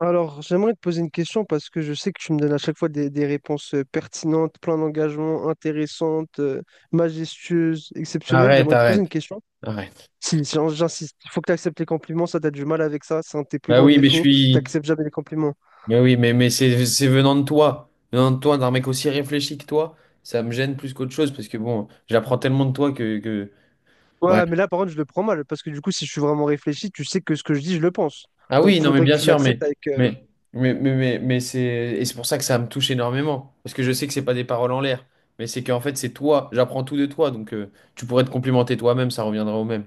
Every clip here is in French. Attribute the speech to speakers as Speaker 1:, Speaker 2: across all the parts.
Speaker 1: Alors, j'aimerais te poser une question parce que je sais que tu me donnes à chaque fois des réponses pertinentes, plein d'engagement, intéressantes, majestueuses, exceptionnelles.
Speaker 2: Arrête,
Speaker 1: J'aimerais te poser une
Speaker 2: arrête,
Speaker 1: question.
Speaker 2: arrête.
Speaker 1: Si, j'insiste, il faut que tu acceptes les compliments, ça, t'as du mal avec ça, c'est un de tes plus
Speaker 2: Bah
Speaker 1: grands
Speaker 2: oui, mais je
Speaker 1: défauts,
Speaker 2: suis.
Speaker 1: t'acceptes jamais les compliments.
Speaker 2: Mais oui, mais c'est venant de toi. Venant de toi, d'un mec aussi réfléchi que toi, ça me gêne plus qu'autre chose parce que bon, j'apprends tellement de toi que... Bref.
Speaker 1: Ouais, mais là, par contre, je le prends mal parce que du coup, si je suis vraiment réfléchi, tu sais que ce que je dis, je le pense.
Speaker 2: Ah
Speaker 1: Donc,
Speaker 2: oui, non, mais
Speaker 1: faudrait que
Speaker 2: bien
Speaker 1: tu
Speaker 2: sûr,
Speaker 1: l'acceptes avec.
Speaker 2: mais, mais c'est. Et c'est pour ça que ça me touche énormément. Parce que je sais que c'est pas des paroles en l'air. Mais c'est qu'en fait, c'est toi. J'apprends tout de toi. Donc tu pourrais te complimenter toi-même, ça reviendra au même.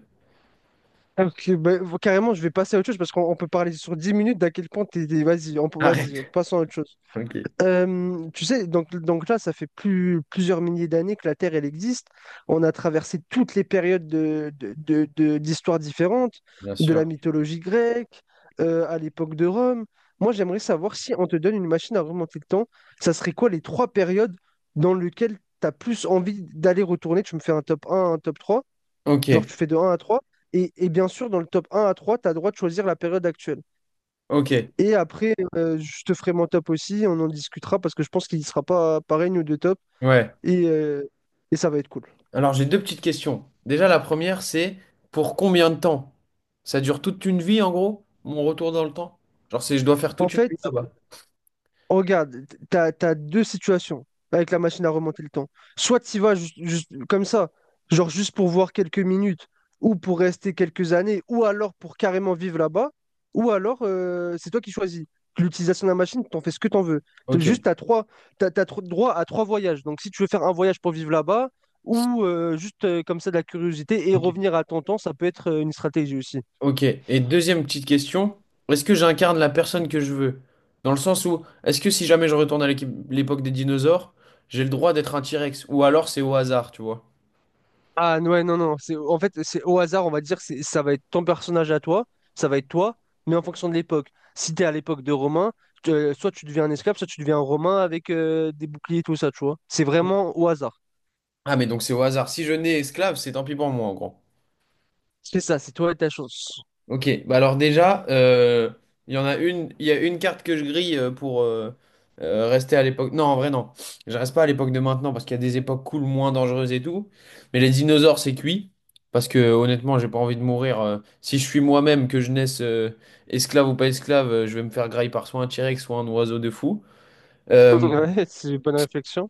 Speaker 1: Bah, carrément, je vais passer à autre chose parce qu'on peut parler sur 10 minutes d'à quel point Vas-y, vas-y,
Speaker 2: Arrête.
Speaker 1: passons à autre chose.
Speaker 2: Ok.
Speaker 1: Tu sais, donc là, ça fait plusieurs milliers d'années que la Terre, elle existe. On a traversé toutes les périodes d'histoires différentes,
Speaker 2: Bien
Speaker 1: de la
Speaker 2: sûr.
Speaker 1: mythologie grecque, à l'époque de Rome. Moi, j'aimerais savoir si on te donne une machine à remonter le temps, ça serait quoi les trois périodes dans lesquelles tu as plus envie d'aller retourner? Tu me fais un top 3. Genre
Speaker 2: Ok.
Speaker 1: tu fais de un à 3. Et bien sûr, dans le top un à 3, tu as le droit de choisir la période actuelle. Et
Speaker 2: Ok.
Speaker 1: et après, je te ferai mon top aussi, on en discutera parce que je pense qu'il ne sera pas pareil, nous deux top,
Speaker 2: Ouais.
Speaker 1: et, euh, et ça va être cool.
Speaker 2: Alors, j'ai deux petites questions. Déjà, la première, c'est pour combien de temps? Ça dure toute une vie, en gros, mon retour dans le temps? Genre, c'est je dois faire
Speaker 1: En
Speaker 2: toute une
Speaker 1: fait,
Speaker 2: vie là-bas.
Speaker 1: regarde, t'as deux situations avec la machine à remonter le temps. Soit tu vas juste comme ça, genre juste pour voir quelques minutes, ou pour rester quelques années, ou alors pour carrément vivre là-bas, ou alors c'est toi qui choisis. L'utilisation de la machine, t'en fais ce que t'en veux. T'as
Speaker 2: Ok,
Speaker 1: Juste, t'as trois, t'as, t'as tro- droit à trois voyages. Donc si tu veux faire un voyage pour vivre là-bas, ou juste comme ça de la curiosité et
Speaker 2: ok,
Speaker 1: revenir à ton temps, ça peut être une stratégie aussi.
Speaker 2: ok. Et deuxième petite question, est-ce que j'incarne la personne que je veux? Dans le sens où, est-ce que si jamais je retourne l'époque des dinosaures, j'ai le droit d'être un T-Rex? Ou alors c'est au hasard, tu vois?
Speaker 1: Ouais, non, c'est en fait c'est au hasard, on va dire, c'est ça va être ton personnage à toi, ça va être toi, mais en fonction de l'époque. Si t'es à l'époque de Romain, soit tu deviens un esclave, soit tu deviens un Romain avec des boucliers et tout ça, tu vois. C'est
Speaker 2: Oui.
Speaker 1: vraiment au hasard.
Speaker 2: Ah, mais donc c'est au hasard. Si je nais esclave, c'est tant pis pour moi, en gros.
Speaker 1: C'est ça, c'est toi et ta chance.
Speaker 2: Ok, bah alors déjà, il y a une carte que je grille pour rester à l'époque. Non, en vrai, non. Je reste pas à l'époque de maintenant parce qu'il y a des époques cool, moins dangereuses et tout. Mais les dinosaures, c'est cuit. Parce que honnêtement, j'ai pas envie de mourir. Si je suis moi-même, que je naisse esclave ou pas esclave, je vais me faire grailler par soit un T-Rex, soit un oiseau de fou. Euh,
Speaker 1: Ouais, c'est une bonne réflexion.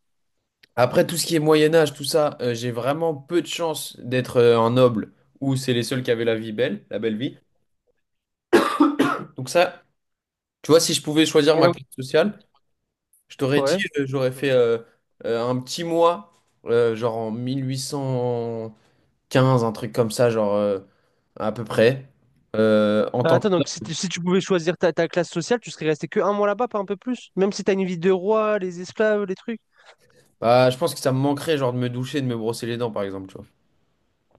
Speaker 2: après, tout ce qui est Moyen-Âge, tout ça, j'ai vraiment peu de chance d'être un noble où c'est les seuls qui avaient la vie belle, la belle vie. Donc ça. Tu vois, si je pouvais choisir
Speaker 1: Mais
Speaker 2: ma
Speaker 1: donc,
Speaker 2: classe sociale, je t'aurais dit,
Speaker 1: ouais.
Speaker 2: j'aurais fait un petit mois, genre en 1815, un truc comme ça, genre à peu près. En
Speaker 1: Ah,
Speaker 2: tant que...
Speaker 1: attends, donc si tu pouvais choisir ta classe sociale, tu serais resté que un mois là-bas, pas un peu plus? Même si t'as une vie de roi, les esclaves, les trucs.
Speaker 2: Bah, je pense que ça me manquerait, genre de me doucher, de me brosser les dents, par exemple, tu vois.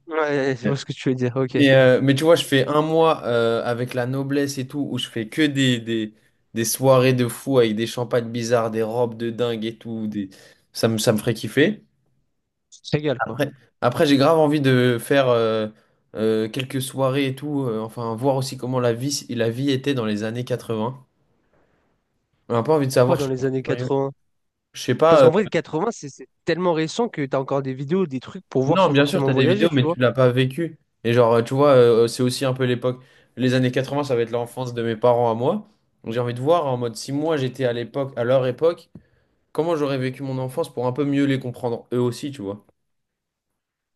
Speaker 1: Ouais, je vois
Speaker 2: Ouais.
Speaker 1: ce que tu veux dire, ok.
Speaker 2: Mais tu vois, je fais un mois avec la noblesse et tout, où je fais que des soirées de fou avec des champagnes bizarres, des robes de dingue et tout. Des... Ça me ferait kiffer.
Speaker 1: C'est égal, quoi.
Speaker 2: Après, après, j'ai grave envie de faire quelques soirées et tout, enfin, voir aussi comment la vie, si, la vie était dans les années 80. On n'a pas envie de
Speaker 1: Quoi,
Speaker 2: savoir, je
Speaker 1: dans
Speaker 2: suis un
Speaker 1: les
Speaker 2: peu
Speaker 1: années
Speaker 2: curieux.
Speaker 1: 80?
Speaker 2: Je sais
Speaker 1: Parce
Speaker 2: pas,
Speaker 1: qu'en vrai, 80, c'est tellement récent que tu as encore des vidéos, des trucs pour voir
Speaker 2: non,
Speaker 1: sans
Speaker 2: bien sûr, tu
Speaker 1: forcément
Speaker 2: as des vidéos,
Speaker 1: voyager, tu
Speaker 2: mais
Speaker 1: vois.
Speaker 2: tu l'as pas vécu. Et genre, tu vois, c'est aussi un peu l'époque. Les années 80, ça va être l'enfance de mes parents à moi. Donc, j'ai envie de voir en mode si moi j'étais à l'époque, à leur époque, comment j'aurais vécu mon enfance pour un peu mieux les comprendre eux aussi, tu vois.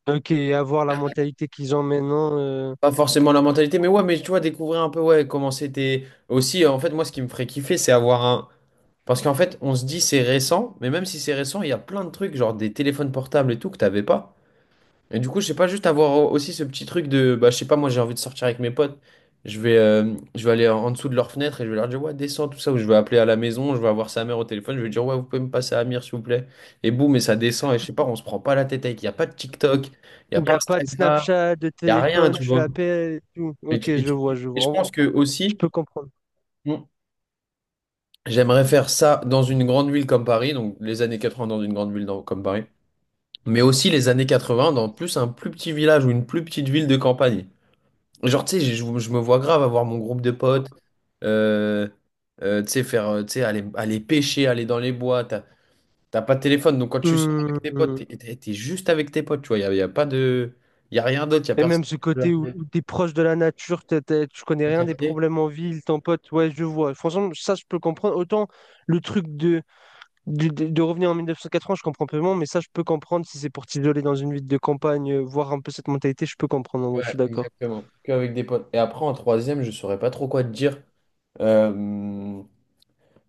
Speaker 1: Ok, avoir la mentalité qu'ils ont maintenant.
Speaker 2: Pas forcément la mentalité, mais ouais, mais tu vois, découvrir un peu, ouais, comment c'était. Aussi, en fait, moi, ce qui me ferait kiffer, c'est avoir un. Parce qu'en fait, on se dit c'est récent, mais même si c'est récent, il y a plein de trucs, genre des téléphones portables et tout, que t'avais pas. Et du coup, je sais pas, juste avoir aussi ce petit truc de, bah, je sais pas, moi, j'ai envie de sortir avec mes potes. Je vais aller en dessous de leur fenêtre et je vais leur dire, ouais, descends, tout ça, ou je vais appeler à la maison, je vais avoir sa mère au téléphone, je vais dire, ouais, vous pouvez me passer à Amir, s'il vous plaît. Et boum, et ça descend, et je sais pas, on se prend pas la tête avec, il y a pas de TikTok, il y a
Speaker 1: Il n'y
Speaker 2: pas
Speaker 1: a pas de
Speaker 2: Instagram,
Speaker 1: Snapchat, de
Speaker 2: il y a rien,
Speaker 1: téléphone,
Speaker 2: tu
Speaker 1: tu
Speaker 2: vois.
Speaker 1: l'appelles et tout.
Speaker 2: Et,
Speaker 1: Ok,
Speaker 2: tu- et
Speaker 1: je vois,
Speaker 2: tu-
Speaker 1: je
Speaker 2: et
Speaker 1: vois.
Speaker 2: je pense que
Speaker 1: Je
Speaker 2: aussi,
Speaker 1: peux comprendre.
Speaker 2: Mm. J'aimerais faire ça dans une grande ville comme Paris, donc les années 80 dans une grande ville comme Paris, mais aussi les années 80 dans plus un plus petit village ou une plus petite ville de campagne. Genre, tu sais, je me vois grave avoir mon groupe de potes, euh, tu sais, tu sais, aller pêcher, aller dans les bois, t'as pas de téléphone, donc quand tu sors
Speaker 1: Hmm,
Speaker 2: avec tes potes,
Speaker 1: hmm.
Speaker 2: t'es juste avec tes potes, tu vois, y a pas de... Il a rien d'autre, il n'y a
Speaker 1: Et
Speaker 2: personne.
Speaker 1: même ce côté où, tu es proche de la nature, tu connais rien des problèmes en ville, ton pote, ouais, je vois. Franchement, ça, je peux comprendre. Autant le truc de de revenir en 1980, je comprends peu moins, mais ça, je peux comprendre si c'est pour t'isoler dans une ville de campagne, voir un peu cette mentalité, je peux comprendre, en
Speaker 2: Ouais,
Speaker 1: vrai, je suis d'accord.
Speaker 2: exactement. Qu'avec des potes. Et après, en troisième, je saurais pas trop quoi te dire. Euh,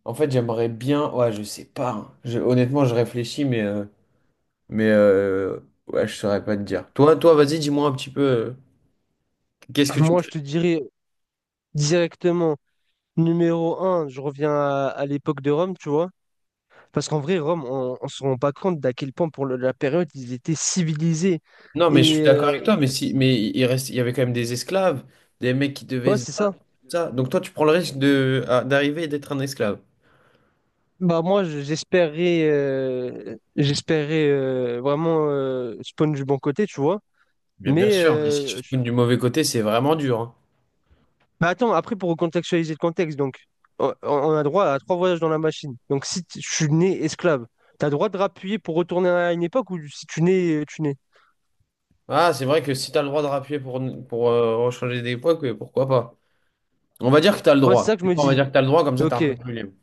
Speaker 2: en fait, j'aimerais bien. Ouais, je sais pas, hein. Honnêtement, je réfléchis, mais euh, ouais, je saurais pas te dire. Toi, vas-y, dis-moi un petit peu. Qu'est-ce que tu
Speaker 1: Moi, je
Speaker 2: ferais?
Speaker 1: te dirais directement, numéro un je reviens à l'époque de Rome, tu vois, parce qu'en vrai, Rome, on ne se rend pas compte d'à quel point, pour la période, ils étaient civilisés.
Speaker 2: Non, mais je
Speaker 1: Et
Speaker 2: suis d'accord
Speaker 1: euh,
Speaker 2: avec toi, mais
Speaker 1: et-
Speaker 2: si, mais il reste, il y avait quand même des esclaves, des mecs qui devaient
Speaker 1: ouais,
Speaker 2: se
Speaker 1: c'est
Speaker 2: battre,
Speaker 1: ça.
Speaker 2: tout ça. Donc toi, tu prends le risque de, d'arriver et d'être un esclave.
Speaker 1: Bah, j'espérais vraiment spawn du bon côté, tu vois.
Speaker 2: Bien
Speaker 1: Mais
Speaker 2: sûr, mais si tu
Speaker 1: euh,
Speaker 2: te tournes du mauvais côté, c'est vraiment dur, hein.
Speaker 1: Bah attends, après, pour recontextualiser le contexte, donc, on a droit à trois voyages dans la machine. Donc, si t- je suis né esclave, t'as droit de rappuyer pour retourner à une époque ou si tu nais, tu nais.
Speaker 2: Ah, c'est vrai que si t'as le droit de rappuyer pour rechanger des points, pourquoi pas? On va dire que t'as le
Speaker 1: Ouais, c'est
Speaker 2: droit.
Speaker 1: ça que je me
Speaker 2: On va
Speaker 1: dis.
Speaker 2: dire que t'as le droit, comme ça t'es
Speaker 1: Ok.
Speaker 2: un peu plus libre.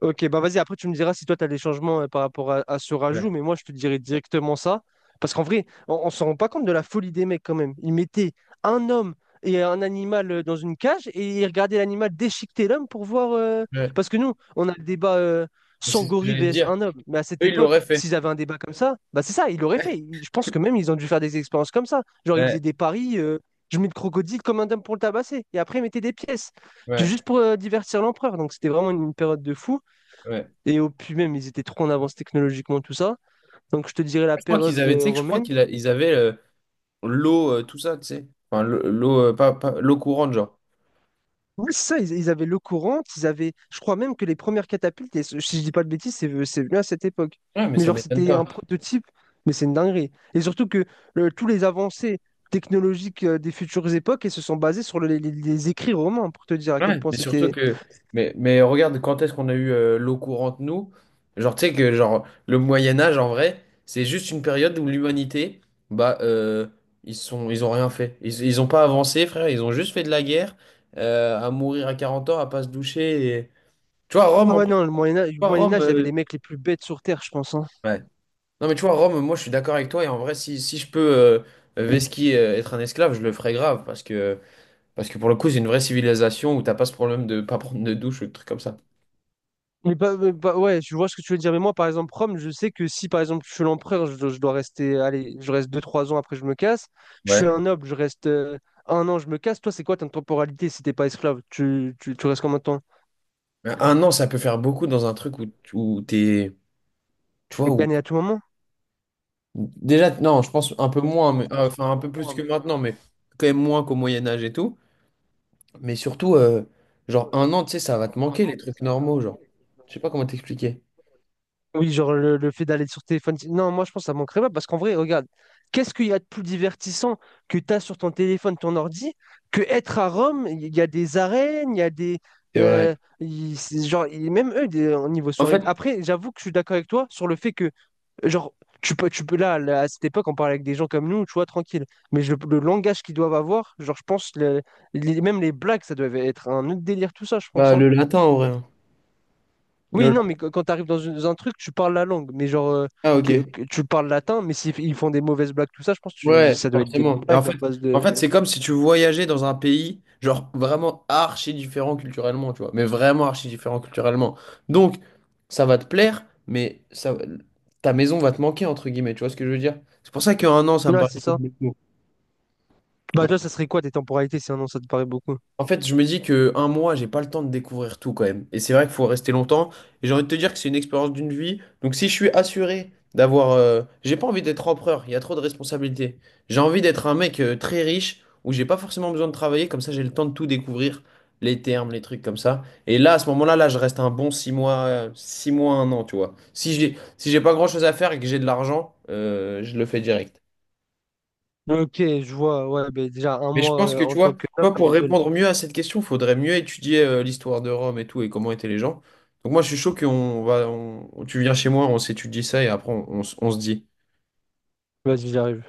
Speaker 1: Ok, bah vas-y, après tu me diras si toi tu as des changements par rapport à ce
Speaker 2: Ouais.
Speaker 1: rajout, mais moi je te dirais directement ça. Parce qu'en vrai, on ne se rend pas compte de la folie des mecs quand même. Ils mettaient un homme et un animal dans une cage et ils regardaient l'animal déchiqueter l'homme pour voir.
Speaker 2: Ouais.
Speaker 1: Parce que nous, on a le débat
Speaker 2: Je sais ce que
Speaker 1: Sangori
Speaker 2: j'allais te
Speaker 1: vs
Speaker 2: dire.
Speaker 1: un homme. Mais à cette
Speaker 2: Eux, ils
Speaker 1: époque,
Speaker 2: l'auraient fait.
Speaker 1: s'ils avaient un débat comme ça, bah c'est ça, ils l'auraient fait. Je pense que même ils ont dû faire des expériences comme ça. Genre ils faisaient
Speaker 2: Ouais,
Speaker 1: des paris, je mets le crocodile comme un homme pour le tabasser. Et après ils mettaient des pièces.
Speaker 2: ouais,
Speaker 1: Juste pour divertir l'empereur. Donc c'était vraiment une période de fou.
Speaker 2: ouais.
Speaker 1: Et au puis même, ils étaient trop en avance technologiquement, tout ça. Donc je te dirais la
Speaker 2: Je crois qu'ils
Speaker 1: période
Speaker 2: avaient, tu sais, que je crois
Speaker 1: romaine.
Speaker 2: ils avaient l'eau, tout ça, tu sais. Enfin, l'eau, l'eau courante, genre.
Speaker 1: Oui, c'est ça, ils avaient l'eau courante, ils avaient, je crois même que les premières catapultes, et si je dis pas de bêtises, c'est venu à cette époque.
Speaker 2: Ouais, mais
Speaker 1: Mais
Speaker 2: ça
Speaker 1: genre,
Speaker 2: m'étonne
Speaker 1: c'était
Speaker 2: pas.
Speaker 1: un prototype, mais c'est une dinguerie. Et surtout que tous les avancées technologiques des futures époques, elles se sont basées sur les écrits romains, pour te dire à quel
Speaker 2: Ouais,
Speaker 1: point
Speaker 2: mais surtout
Speaker 1: c'était...
Speaker 2: que, mais regarde, quand est-ce qu'on a eu l'eau courante, nous? Genre, tu sais que genre, le Moyen Âge, en vrai, c'est juste une période où l'humanité, bah, ils ont rien fait. Ils ont pas avancé, frère, ils ont juste fait de la guerre, à mourir à 40 ans, à pas se doucher. Tu vois, Rome,
Speaker 1: Ah
Speaker 2: en
Speaker 1: ouais,
Speaker 2: plus,
Speaker 1: non,
Speaker 2: tu
Speaker 1: Le
Speaker 2: vois,
Speaker 1: Moyen
Speaker 2: Rome,
Speaker 1: Âge, il y avait les mecs les plus bêtes sur Terre, je pense, hein.
Speaker 2: ouais. Non, mais tu vois, Rome, moi, je suis d'accord avec toi, et en vrai, si je peux vesquy, être un esclave, je le ferais grave, parce que pour le coup, c'est une vraie civilisation où t'as pas ce problème de pas prendre de douche ou de trucs comme ça.
Speaker 1: Ouais, je vois ce que tu veux dire. Mais moi, par exemple, Rome, je sais que si, par exemple, je suis l'empereur, je dois rester, allez, je reste deux trois ans après, je me casse. Je suis
Speaker 2: Ouais.
Speaker 1: un noble, je reste un an, je me casse. Toi, c'est quoi ta temporalité si t'es pas esclave? Tu restes combien de temps?
Speaker 2: Mais un an, ça peut faire beaucoup dans un truc où t'es. Tu vois,
Speaker 1: T'es
Speaker 2: où.
Speaker 1: gagné à tout moment?
Speaker 2: Déjà, non, je pense un peu moins, mais enfin un peu plus que maintenant, mais quand même moins qu'au Moyen-Âge et tout. Mais surtout, genre un an, tu sais, ça va te manquer les trucs normaux, genre. Je sais pas comment t'expliquer.
Speaker 1: Oui, genre le fait d'aller sur téléphone. Non, moi je pense que ça manquerait pas parce qu'en vrai, regarde, qu'est-ce qu'il y a de plus divertissant que tu as sur ton téléphone, ton ordi, que être à Rome, il y a des arènes, il y a des.
Speaker 2: C'est vrai.
Speaker 1: euh, Même eux, au niveau
Speaker 2: En
Speaker 1: soirée.
Speaker 2: fait,
Speaker 1: Après, j'avoue que je suis d'accord avec toi sur le fait que, genre, tu peux là, à cette époque, on parlait avec des gens comme nous, tu vois, tranquille. Le langage qu'ils doivent avoir, genre, je pense, même les blagues, ça devait être un autre délire, tout ça, je pense,
Speaker 2: bah,
Speaker 1: hein.
Speaker 2: le latin en vrai, hein. Le
Speaker 1: Oui, non,
Speaker 2: latin,
Speaker 1: quand tu arrives dans un truc, tu parles la langue, mais genre,
Speaker 2: ah, ok.
Speaker 1: que tu parles latin, mais s'ils ils font des mauvaises blagues, tout ça, je pense que
Speaker 2: Ouais,
Speaker 1: ça doit être des
Speaker 2: forcément. Et en
Speaker 1: blagues à
Speaker 2: fait,
Speaker 1: base
Speaker 2: en
Speaker 1: de...
Speaker 2: fait, c'est comme si tu voyageais dans un pays, genre vraiment archi différent culturellement, tu vois, mais vraiment archi différent culturellement. Donc, ça va te plaire, mais ça, ta maison va te manquer, entre guillemets, tu vois ce que je veux dire? C'est pour ça qu'un an, ça me
Speaker 1: Ouais,
Speaker 2: paraît.
Speaker 1: c'est ça. Bah, toi, ça serait quoi tes temporalités, sinon ça te paraît beaucoup?
Speaker 2: En fait, je me dis que un mois, j'ai pas le temps de découvrir tout quand même. Et c'est vrai qu'il faut rester longtemps. Et j'ai envie de te dire que c'est une expérience d'une vie. Donc si je suis assuré d'avoir, j'ai pas envie d'être empereur. Il y a trop de responsabilités. J'ai envie d'être un mec très riche où j'ai pas forcément besoin de travailler. Comme ça, j'ai le temps de tout découvrir, les termes, les trucs comme ça. Et là, à ce moment-là, là, je reste un bon 6 mois, un an, tu vois. Si j'ai pas grand-chose à faire et que j'ai de l'argent, je le fais direct.
Speaker 1: Ok, je vois, ouais, mais déjà, un
Speaker 2: Mais je
Speaker 1: mois
Speaker 2: pense que tu
Speaker 1: en
Speaker 2: vois,
Speaker 1: tant que noble,
Speaker 2: tu
Speaker 1: elle
Speaker 2: pour
Speaker 1: est belle.
Speaker 2: répondre mieux à cette question, il faudrait mieux étudier l'histoire de Rome et tout et comment étaient les gens. Donc moi, je suis chaud tu viens chez moi, on s'étudie ça et après on se dit.
Speaker 1: Vas-y, j'arrive.